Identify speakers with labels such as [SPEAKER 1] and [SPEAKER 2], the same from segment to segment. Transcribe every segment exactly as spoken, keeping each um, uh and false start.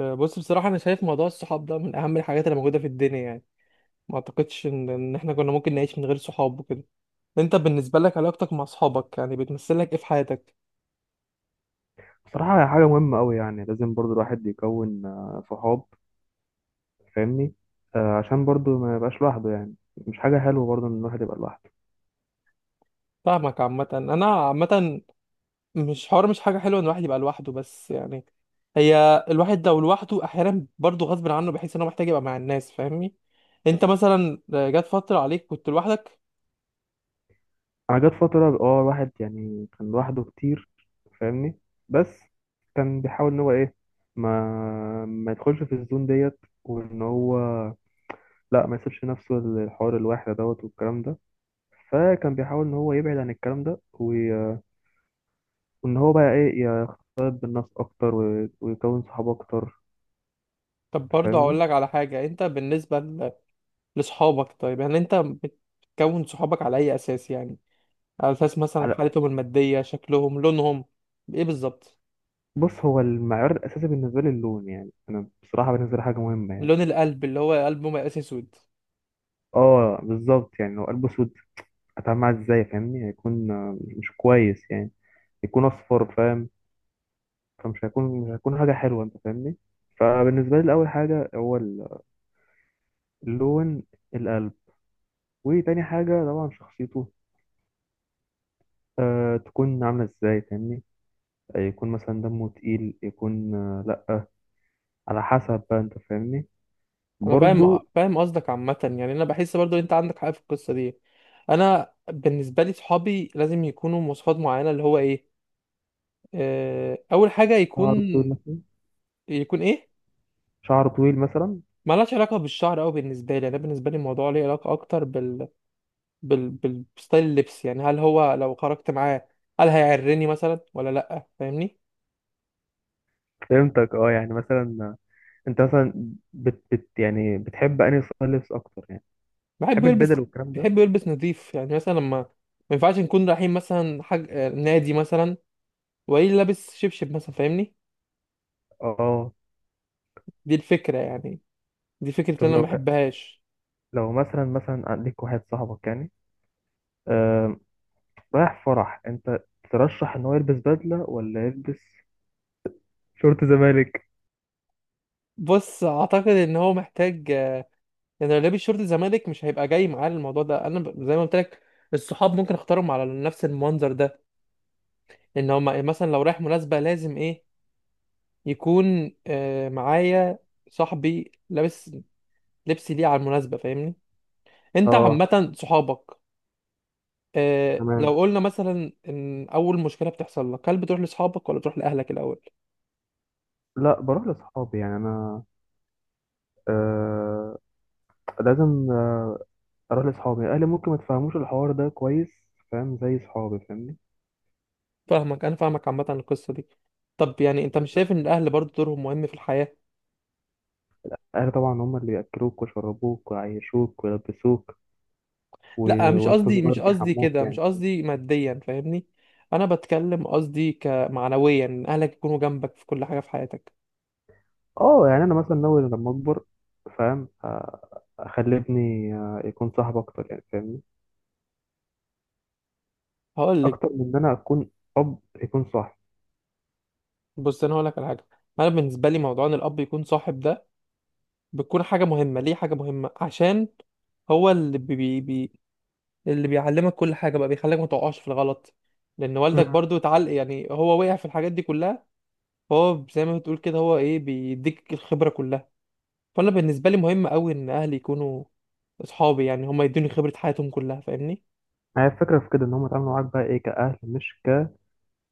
[SPEAKER 1] آه، بص بصراحة أنا شايف موضوع الصحاب ده من أهم الحاجات اللي موجودة في الدنيا. يعني ما أعتقدش إن إن إحنا كنا ممكن نعيش من غير صحاب وكده. أنت بالنسبة لك علاقتك مع صحابك يعني بتمثل لك إيه في حياتك؟
[SPEAKER 2] بصراحة هي حاجة مهمة أوي، يعني لازم برضو الواحد يكون آه، صحاب. فاهمني؟ آه، عشان برضو ما يبقاش لوحده، يعني مش حاجة حلوة برضو إن الواحد يبقى لوحده.
[SPEAKER 1] فاهمك. عامة أنا عامة مش حوار، مش حاجة حلوة إن الواحد يبقى لوحده، بس يعني هي الواحد لو لوحده أحيانا برضه غصب عنه، بحيث إن هو محتاج يبقى مع الناس، فاهمني؟ أنت مثلا آه، جات فترة عليك كنت لوحدك؟
[SPEAKER 2] أنا جت فترة اه الواحد يعني كان لوحده كتير. فاهمني؟ بس كان بيحاول إن هو إيه، ما ما يدخلش في الزون ديت، وإن هو لا، ما يسيبش نفسه الحوار الواحد دوت والكلام ده. فكان بيحاول إن هو يبعد عن الكلام ده وي- وإن هو بقى إيه، يختلط بالناس أكتر وي- ويكون صحاب أكتر.
[SPEAKER 1] طب برضه هقول
[SPEAKER 2] تفهمني؟
[SPEAKER 1] لك على حاجة. أنت بالنسبة ل- لصحابك، طيب يعني أنت بتكون صحابك على أي أساس يعني؟ على اساس مثلا حالتهم الماديه، شكلهم، لونهم، ايه بالظبط؟
[SPEAKER 2] بص، هو المعيار الاساسي بالنسبه لي اللون، يعني انا بصراحه بالنسبه لي حاجه مهمه يعني.
[SPEAKER 1] لون القلب، اللي هو قلبه مقاس اسود.
[SPEAKER 2] اه بالظبط، يعني لو قلبه اسود، هتعامل معاه ازاي؟ فاهمني؟ هيكون آه، مش كويس يعني. يكون اصفر، فاهم؟ فمش هيكون، مش هيكون حاجه حلوه، انت فاهمني؟ فبالنسبه لي اول حاجه هو ال- اللون، القلب. وتاني حاجه طبعا شخصيته، آه تكون عامله ازاي، فاهمني؟ آه، يكون مثلا دمه تقيل، يكون آه لا، على حسب بقى، انت فاهمني؟
[SPEAKER 1] انا فاهم
[SPEAKER 2] برضو.
[SPEAKER 1] فاهم قصدك عامه، يعني انا بحس برضو ان انت عندك حق في القصه دي. انا بالنسبه لي صحابي لازم يكونوا مواصفات معينه، اللي هو ايه، آه، اول حاجه يكون.
[SPEAKER 2] شعر طويل مثلا.
[SPEAKER 1] يكون ايه؟
[SPEAKER 2] شعر طويل مثلا.
[SPEAKER 1] ملهاش علاقه بالشعر أوي بالنسبه لي، انا بالنسبه لي الموضوع ليه علاقه اكتر بال بال بالستايل، اللبس، يعني هل هو لو خرجت معاه هل هيعرني مثلا ولا لا، فاهمني.
[SPEAKER 2] فهمتك، اه يعني مثلا انت مثلا بت, بت يعني بتحب انهي ستايل لبس اكتر يعني؟
[SPEAKER 1] بحب
[SPEAKER 2] بتحب
[SPEAKER 1] يلبس
[SPEAKER 2] البدل والكلام ده؟
[SPEAKER 1] بحب يلبس نظيف، يعني مثلا لما ما ينفعش نكون رايحين مثلا حاج... آه، نادي مثلا وقايل لابس شبشب مثلا، فاهمني.
[SPEAKER 2] اه.
[SPEAKER 1] دي الفكرة يعني، دي فكرة
[SPEAKER 2] طب
[SPEAKER 1] اللي انا ما
[SPEAKER 2] لو ك...،
[SPEAKER 1] بحبهاش.
[SPEAKER 2] لو مثلا مثلا عندك واحد صاحبك يعني، آه...، رايح فرح انت، ترشح ان هو يلبس بدله، ولا يلبس شورت زمالك؟
[SPEAKER 1] بص اعتقد ان هو محتاج، آه، يعني لو لابس شورت الزمالك مش هيبقى جاي معاه. الموضوع ده انا ب- زي ما قلت لك، الصحاب ممكن اختارهم على نفس المنظر ده. ان هو مثلا لو رايح مناسبة لازم ايه، يكون آه، معايا صاحبي لابس، لبس ليه على المناسبة، فاهمني. انت
[SPEAKER 2] اه
[SPEAKER 1] عامة صحابك، آه،
[SPEAKER 2] تمام.
[SPEAKER 1] لو قلنا مثلا ان اول مشكله بتحصل لك هل بتروح لاصحابك ولا بتروح لاهلك الاول؟
[SPEAKER 2] لا، بروح لاصحابي يعني. انا آه لازم اروح لاصحابي. اهلي ممكن ما تفهموش الحوار ده كويس، فاهم؟ زي صحابي، فاهمني؟
[SPEAKER 1] فاهمك، انا فاهمك عامه القصه دي. طب يعني انت مش شايف ان الاهل برضه دورهم مهم في الحياه؟
[SPEAKER 2] اهلي طبعا هم اللي بياكلوك ويشربوك ويعيشوك ويلبسوك و...،
[SPEAKER 1] لا مش
[SPEAKER 2] وانت
[SPEAKER 1] قصدي
[SPEAKER 2] صغير
[SPEAKER 1] مش قصدي
[SPEAKER 2] بيحموك،
[SPEAKER 1] كده، مش
[SPEAKER 2] يعني فاهم؟
[SPEAKER 1] قصدي ماديا، فاهمني. انا بتكلم، قصدي كمعنويا ان اهلك يكونوا جنبك في كل حاجه في حياتك.
[SPEAKER 2] اه يعني انا مثلا ناوي لما اكبر فاهم، آه، اخلي ابني آه، يكون صاحب اكتر يعني، فاهمني؟
[SPEAKER 1] هقول لك.
[SPEAKER 2] اكتر من ان انا اكون اب، يكون صاحب.
[SPEAKER 1] بص انا هقول لك على حاجه. انا بالنسبه لي موضوع ان الاب يكون صاحب ده، بتكون حاجه مهمه. ليه حاجه مهمه؟ عشان هو اللي بي بي اللي بيعلمك كل حاجه بقى، بيخليك ما تقعش في الغلط. لان
[SPEAKER 2] مم.
[SPEAKER 1] والدك برضو اتعلق، يعني هو وقع في الحاجات دي كلها. فهو زي ما بتقول كده، هو ايه، بيديك الخبره كلها. فانا بالنسبه لي مهم قوي ان اهلي يكونوا اصحابي، يعني هم يدوني خبره حياتهم كلها، فاهمني.
[SPEAKER 2] هي الفكرة في كده، ان هم يتعاملوا معاك بقى ايه، كأهل مش ك،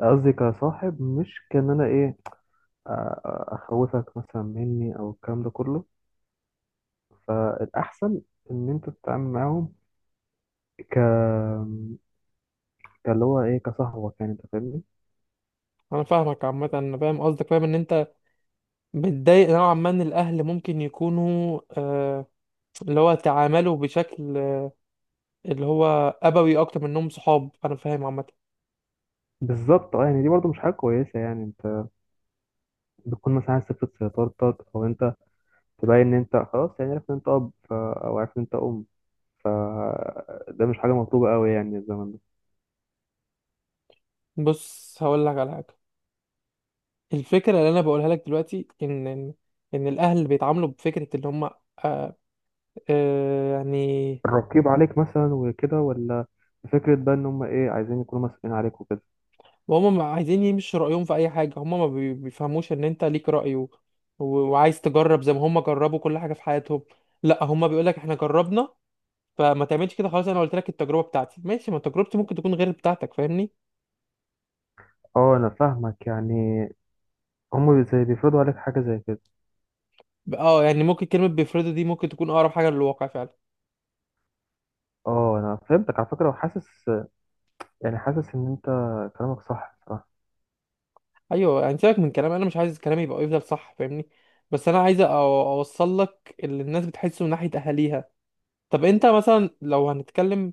[SPEAKER 2] قصدي كصاحب مش كان انا ايه، أ- أ- اخوفك مثلا مني او الكلام ده كله. فالاحسن ان انت تتعامل معاهم ك، كاللي هو ايه، كصاحبك يعني، انت فاهمني؟
[SPEAKER 1] انا فاهمك عامه، انا فاهم قصدك، فاهم ان انت متضايق نوعا ما ان الاهل ممكن يكونوا آه، اللي هو تعاملوا بشكل، اللي هو ابوي اكتر منهم صحاب، انا فاهم عامه.
[SPEAKER 2] بالظبط اه، يعني دي برضو مش حاجة كويسة يعني، بتكون مثلا عايز تفرض سيطرتك، او انت تبين ان انت خلاص يعني عرفت ان انت اب ف...، او عرفت ان انت ام ف، ده مش حاجه مطلوبه قوي يعني الزمن ده.
[SPEAKER 1] بص هقول لك على حاجه. الفكرة اللي أنا بقولها لك دلوقتي إن إن إن الأهل بيتعاملوا بفكرة إن هم، آه آه يعني،
[SPEAKER 2] الرقيب عليك مثلا وكده، ولا فكره بقى ان هم ايه، عايزين يكونوا مسؤولين عليك وكده.
[SPEAKER 1] وهم عايزين يمشوا رأيهم في أي حاجة. هم ما بي- بيفهموش إن أنت ليك رأي و- و- وعايز تجرب زي ما هم جربوا كل حاجة في حياتهم. لا هم بيقولك إحنا جربنا فما تعملش كده، خلاص أنا قلت لك، التجربة بتاعتي ماشي، ما تجربتي ممكن تكون غير بتاعتك، فاهمني.
[SPEAKER 2] اه انا فاهمك، يعني هم بي- زي بيفرضوا عليك حاجه زي كده.
[SPEAKER 1] ب- اه يعني ممكن كلمة بيفرضوا دي ممكن تكون أقرب حاجة للواقع فعلا.
[SPEAKER 2] اه انا فهمتك على فكره، وحاسس يعني، حاسس ان انت كلامك صح بصراحه.
[SPEAKER 1] ايوه يعني سيبك من كلام، انا مش عايز كلامي يبقى يفضل صح، فاهمني. بس انا عايز أو- اوصل لك اللي الناس بتحسه من ناحيه اهاليها. طب انت مثلا لو هنتكلم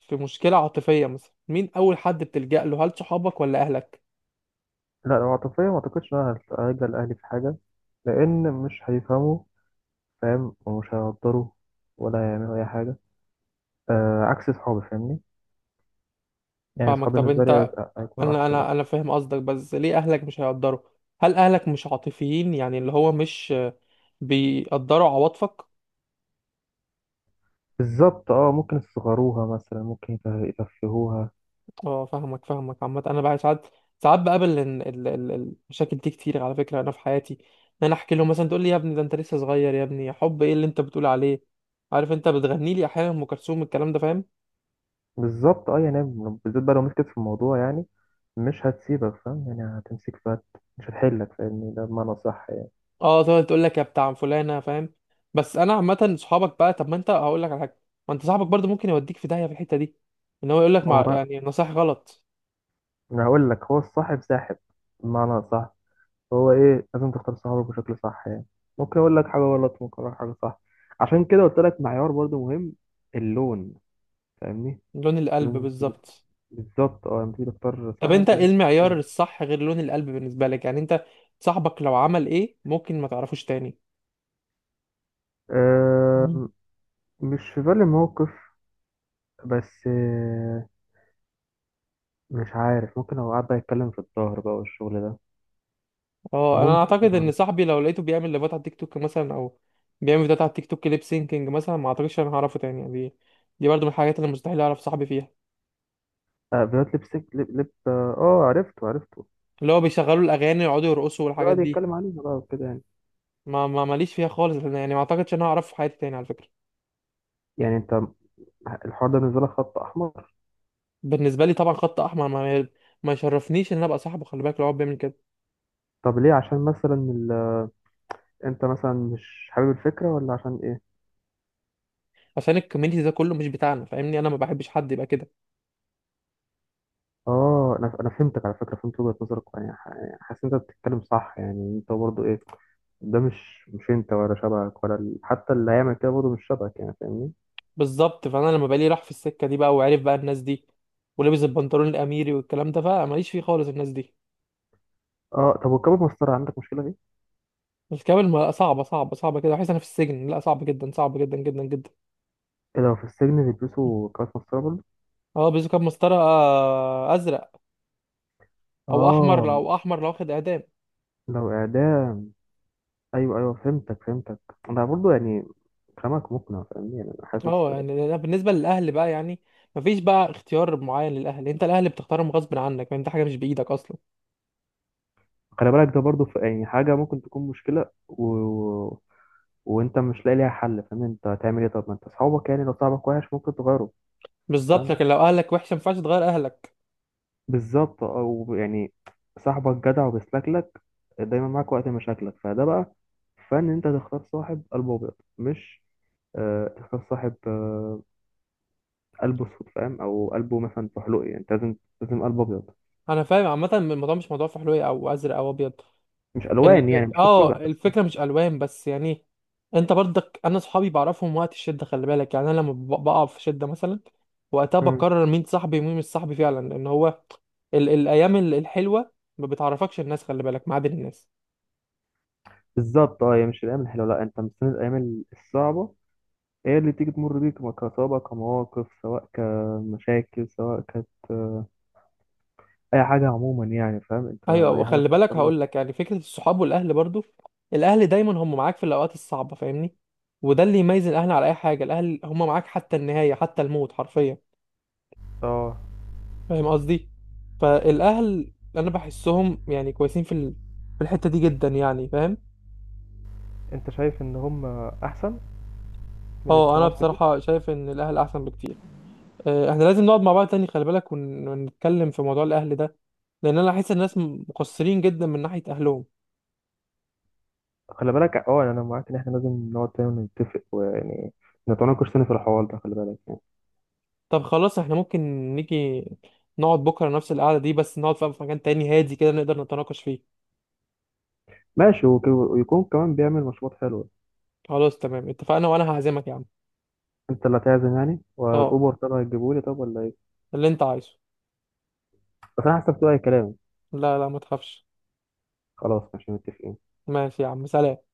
[SPEAKER 1] في مشكله عاطفيه مثلا، مين اول حد بتلجأ له، هل صحابك ولا اهلك؟
[SPEAKER 2] لا، لو عاطفيه ما اعتقدش ان انا هرجع لاهلي في حاجه، لان مش هيفهموا، فاهم؟ ومش هيقدروا، ولا هيعملوا اي حاجه. آه عكس صحابي، فاهمني؟ يعني
[SPEAKER 1] فاهمك.
[SPEAKER 2] صحابي
[SPEAKER 1] طب
[SPEAKER 2] بالنسبة لي
[SPEAKER 1] انت،
[SPEAKER 2] هيك- هيكونوا
[SPEAKER 1] انا
[SPEAKER 2] أحسن
[SPEAKER 1] انا
[SPEAKER 2] يعني.
[SPEAKER 1] انا فاهم قصدك، بس ليه اهلك مش هيقدروا؟ هل اهلك مش عاطفيين، يعني اللي هو مش بيقدروا عواطفك؟
[SPEAKER 2] بالظبط اه، ممكن يصغروها مثلا، ممكن يته- يتفهوها.
[SPEAKER 1] اه فاهمك، فاهمك عامة. انا بقى ساعات ساعات بقابل إن ال- ال- المشاكل دي كتير على فكرة. انا في حياتي ان انا احكي لهم مثلا تقول لي يا ابني ده انت لسه صغير، يا ابني حب ايه اللي انت بتقول عليه، عارف، انت بتغني لي احيانا ام كلثوم الكلام ده، فاهم.
[SPEAKER 2] بالظبط اه يعني، بالذات بقى لو مسكت في الموضوع يعني، مش هتسيبك فاهم يعني، هتمسك فات، مش هتحلك، فاهمني؟ ده بمعنى صح يعني.
[SPEAKER 1] اه تقعد تقول لك يا بتاع فلانة، فاهم. بس انا عامة صحابك بقى، طب ما انت هقول لك على حاجة، ما انت صاحبك برضو ممكن يوديك في داهية في الحتة دي، ان هو يقول لك
[SPEAKER 2] ما هو
[SPEAKER 1] مع يعني
[SPEAKER 2] بقى،
[SPEAKER 1] نصايح غلط.
[SPEAKER 2] أنا هقول لك، هو الصاحب ساحب، بمعنى صح، هو إيه، لازم تختار صحابك بشكل صح يعني. ممكن أقول لك حاجة غلط، ممكن أقول لك حاجة صح، عشان كده قلت لك معيار برضو مهم، اللون، فاهمني؟
[SPEAKER 1] لون القلب بالظبط.
[SPEAKER 2] بالظبط اه، لما تيجي تختار
[SPEAKER 1] طب
[SPEAKER 2] صاحب
[SPEAKER 1] انت ايه
[SPEAKER 2] لازم
[SPEAKER 1] المعيار
[SPEAKER 2] تكون
[SPEAKER 1] الصح غير لون القلب بالنسبة لك؟ يعني انت صاحبك لو عمل ايه ممكن ما تعرفوش تاني؟ مم.
[SPEAKER 2] آه. مش في بالي موقف، بس آه مش عارف، ممكن لو قعد بقى يتكلم في الظهر بقى والشغل ده.
[SPEAKER 1] اه انا
[SPEAKER 2] ممكن
[SPEAKER 1] اعتقد
[SPEAKER 2] ما
[SPEAKER 1] ان
[SPEAKER 2] اعرفش.
[SPEAKER 1] صاحبي لو لقيته بيعمل لايفات على التيك توك مثلا، او بيعمل فيديوهات على التيك توك ليب سينكينج مثلا، ما اعتقدش انا هعرفه تاني. يعني دي دي برضه من الحاجات اللي مستحيل اعرف صاحبي فيها،
[SPEAKER 2] آه بيوت لبسك لب لب اه، آه، عرفته عرفته،
[SPEAKER 1] اللي هو بيشغلوا الاغاني ويقعدوا يرقصوا والحاجات
[SPEAKER 2] قعد
[SPEAKER 1] دي.
[SPEAKER 2] يتكلم عليها بقى وكده يعني.
[SPEAKER 1] ما ما ماليش فيها خالص، لأن يعني ما اعتقدش ان انا هعرفه في حياتي تاني على فكره.
[SPEAKER 2] يعني انت الحوار ده بالنسبة لك خط احمر؟
[SPEAKER 1] بالنسبه لي طبعا خط احمر، ما ما يشرفنيش ان انا ابقى صاحبه، خلي بالك لو هو بيعمل كده.
[SPEAKER 2] طب ليه، عشان مثلا ال...، انت مثلا مش حابب الفكرة، ولا عشان ايه؟
[SPEAKER 1] عشان الكوميونتي ده كله مش بتاعنا، فاهمني، انا ما بحبش حد يبقى كده.
[SPEAKER 2] اه، انا انا فهمتك على فكرة، فهمت وجهة نظرك يعني، ح- يعني حاسس ان انت بتتكلم صح يعني، انت برضه ايه، ده مش مش انت، ولا شبهك، ولا ال...، حتى اللي هيعمل كده برضه مش شبهك يعني، فاهمني؟
[SPEAKER 1] بالظبط، فانا لما بقى لي راح في السكه دي بقى وعرف بقى الناس دي، ولبس البنطلون الاميري والكلام ده بقى، ماليش فيه خالص الناس دي.
[SPEAKER 2] اه طب، وكباب مسطرة عندك مشكلة فيه؟
[SPEAKER 1] الكابل ما- صعبة، صعبة، صعبة كده، بحس انا في السجن، لا صعب جدا، صعب جدا جدا جدا.
[SPEAKER 2] إيه، لو في السجن بيلبسوا كباب مسطرة برضه؟
[SPEAKER 1] اه بيزو كان مسطرة، آه، ازرق، او احمر،
[SPEAKER 2] اه
[SPEAKER 1] لو احمر لو واخد اعدام.
[SPEAKER 2] لو إعدام. أيوه أيوه، فهمتك فهمتك. أنا برضه يعني كلامك مقنع، فاهمني؟ يعني أنا حاسس.
[SPEAKER 1] اه يعني أنا بالنسبة للاهل بقى، يعني مفيش بقى اختيار معين للاهل، انت الاهل بتختارهم غصب عنك، يعني انت حاجة مش بايدك اصلا.
[SPEAKER 2] خلي بالك، ده برضه ف- يعني حاجة ممكن تكون مشكلة و...، وأنت مش لاقي ليها حل، فاهمني؟ أنت هتعمل إيه؟ طب ما أنت أصحابك يعني، لو صاحبك وحش ممكن تغيره.
[SPEAKER 1] بالظبط،
[SPEAKER 2] فاهم.
[SPEAKER 1] لكن لو اهلك وحشة ما ينفعش تغير اهلك.
[SPEAKER 2] بالظبط، او يعني صاحبك جدع وبيسلكلك، دايما معاك وقت مشاكلك، فده بقى فن، انت تختار صاحب قلبه ابيض، مش آه تختار صاحب آه قلبه اسود، فاهم؟ او قلبه مثلا فحلوقي، يعني انت لازم، لازم قلبه ابيض.
[SPEAKER 1] انا فاهم عامة، الموضوع مش موضوع فحلوية او ازرق او ابيض،
[SPEAKER 2] مش الوان
[SPEAKER 1] ال...
[SPEAKER 2] يعني،
[SPEAKER 1] ال-
[SPEAKER 2] مش
[SPEAKER 1] اه
[SPEAKER 2] قزقزه بس.
[SPEAKER 1] الفكره مش الوان بس يعني. انت برضك، انا صحابي بعرفهم وقت الشده، خلي بالك، يعني انا لما ب- بقع في شده مثلا وقتها
[SPEAKER 2] مم.
[SPEAKER 1] بقرر مين صاحبي ومين مش صاحبي فعلا، لان هو ال... الايام ال- الحلوه ما بتعرفكش الناس، خلي بالك، ما عدا الناس.
[SPEAKER 2] بالظبط اه، هي مش الايام الحلوه، لا، انت مستني الايام الصعبه، هي اللي تيجي تمر بيك، كصعوبة، كمواقف، سواء كمشاكل، سواء كانت آه، اي حاجه عموما يعني، فاهم؟ انت
[SPEAKER 1] ايوه،
[SPEAKER 2] اي حاجه
[SPEAKER 1] وخلي بالك
[SPEAKER 2] بتحصل لك.
[SPEAKER 1] هقول لك يعني فكره الصحاب والاهل برضو، الاهل دايما هم معاك في الاوقات الصعبه، فاهمني. وده اللي يميز الاهل على اي حاجه، الاهل هم معاك حتى النهايه، حتى الموت حرفيا،
[SPEAKER 2] اه.
[SPEAKER 1] فاهم قصدي. فالاهل انا بحسهم يعني كويسين في ال... في الحته دي جدا يعني، فاهم.
[SPEAKER 2] أنت شايف إن هم أحسن من
[SPEAKER 1] اه انا
[SPEAKER 2] الصحافة دي؟
[SPEAKER 1] بصراحه شايف ان الاهل احسن بكتير. آه، احنا لازم نقعد مع بعض تاني خلي بالك ون... ونتكلم في موضوع الاهل ده، لان انا احس الناس مقصرين جدا من ناحيه اهلهم.
[SPEAKER 2] خلي بالك أه، يعني أنا معاك إن إحنا لازم نقعد تاني نتفق، ويعني نتناقش تاني في الحوار ده، خلي بالك.
[SPEAKER 1] طب خلاص، احنا ممكن نيجي نقعد بكره نفس القعده دي، بس نقعد في مكان تاني هادي كده نقدر نتناقش فيه.
[SPEAKER 2] ماشي، وك- ويكون كمان بيعمل مشروبات حلوة.
[SPEAKER 1] خلاص تمام اتفقنا، وانا هعزمك يا عم.
[SPEAKER 2] أنت اللي هتعزم يعني،
[SPEAKER 1] اه
[SPEAKER 2] والأوبر تبع هتجيبهولي، طب ولا إيه؟
[SPEAKER 1] اللي انت عايزه.
[SPEAKER 2] بس أنا حسبته أي كلام.
[SPEAKER 1] لا لا ما تخافش.
[SPEAKER 2] خلاص مش متفقين.
[SPEAKER 1] ماشي يا عم، سلام.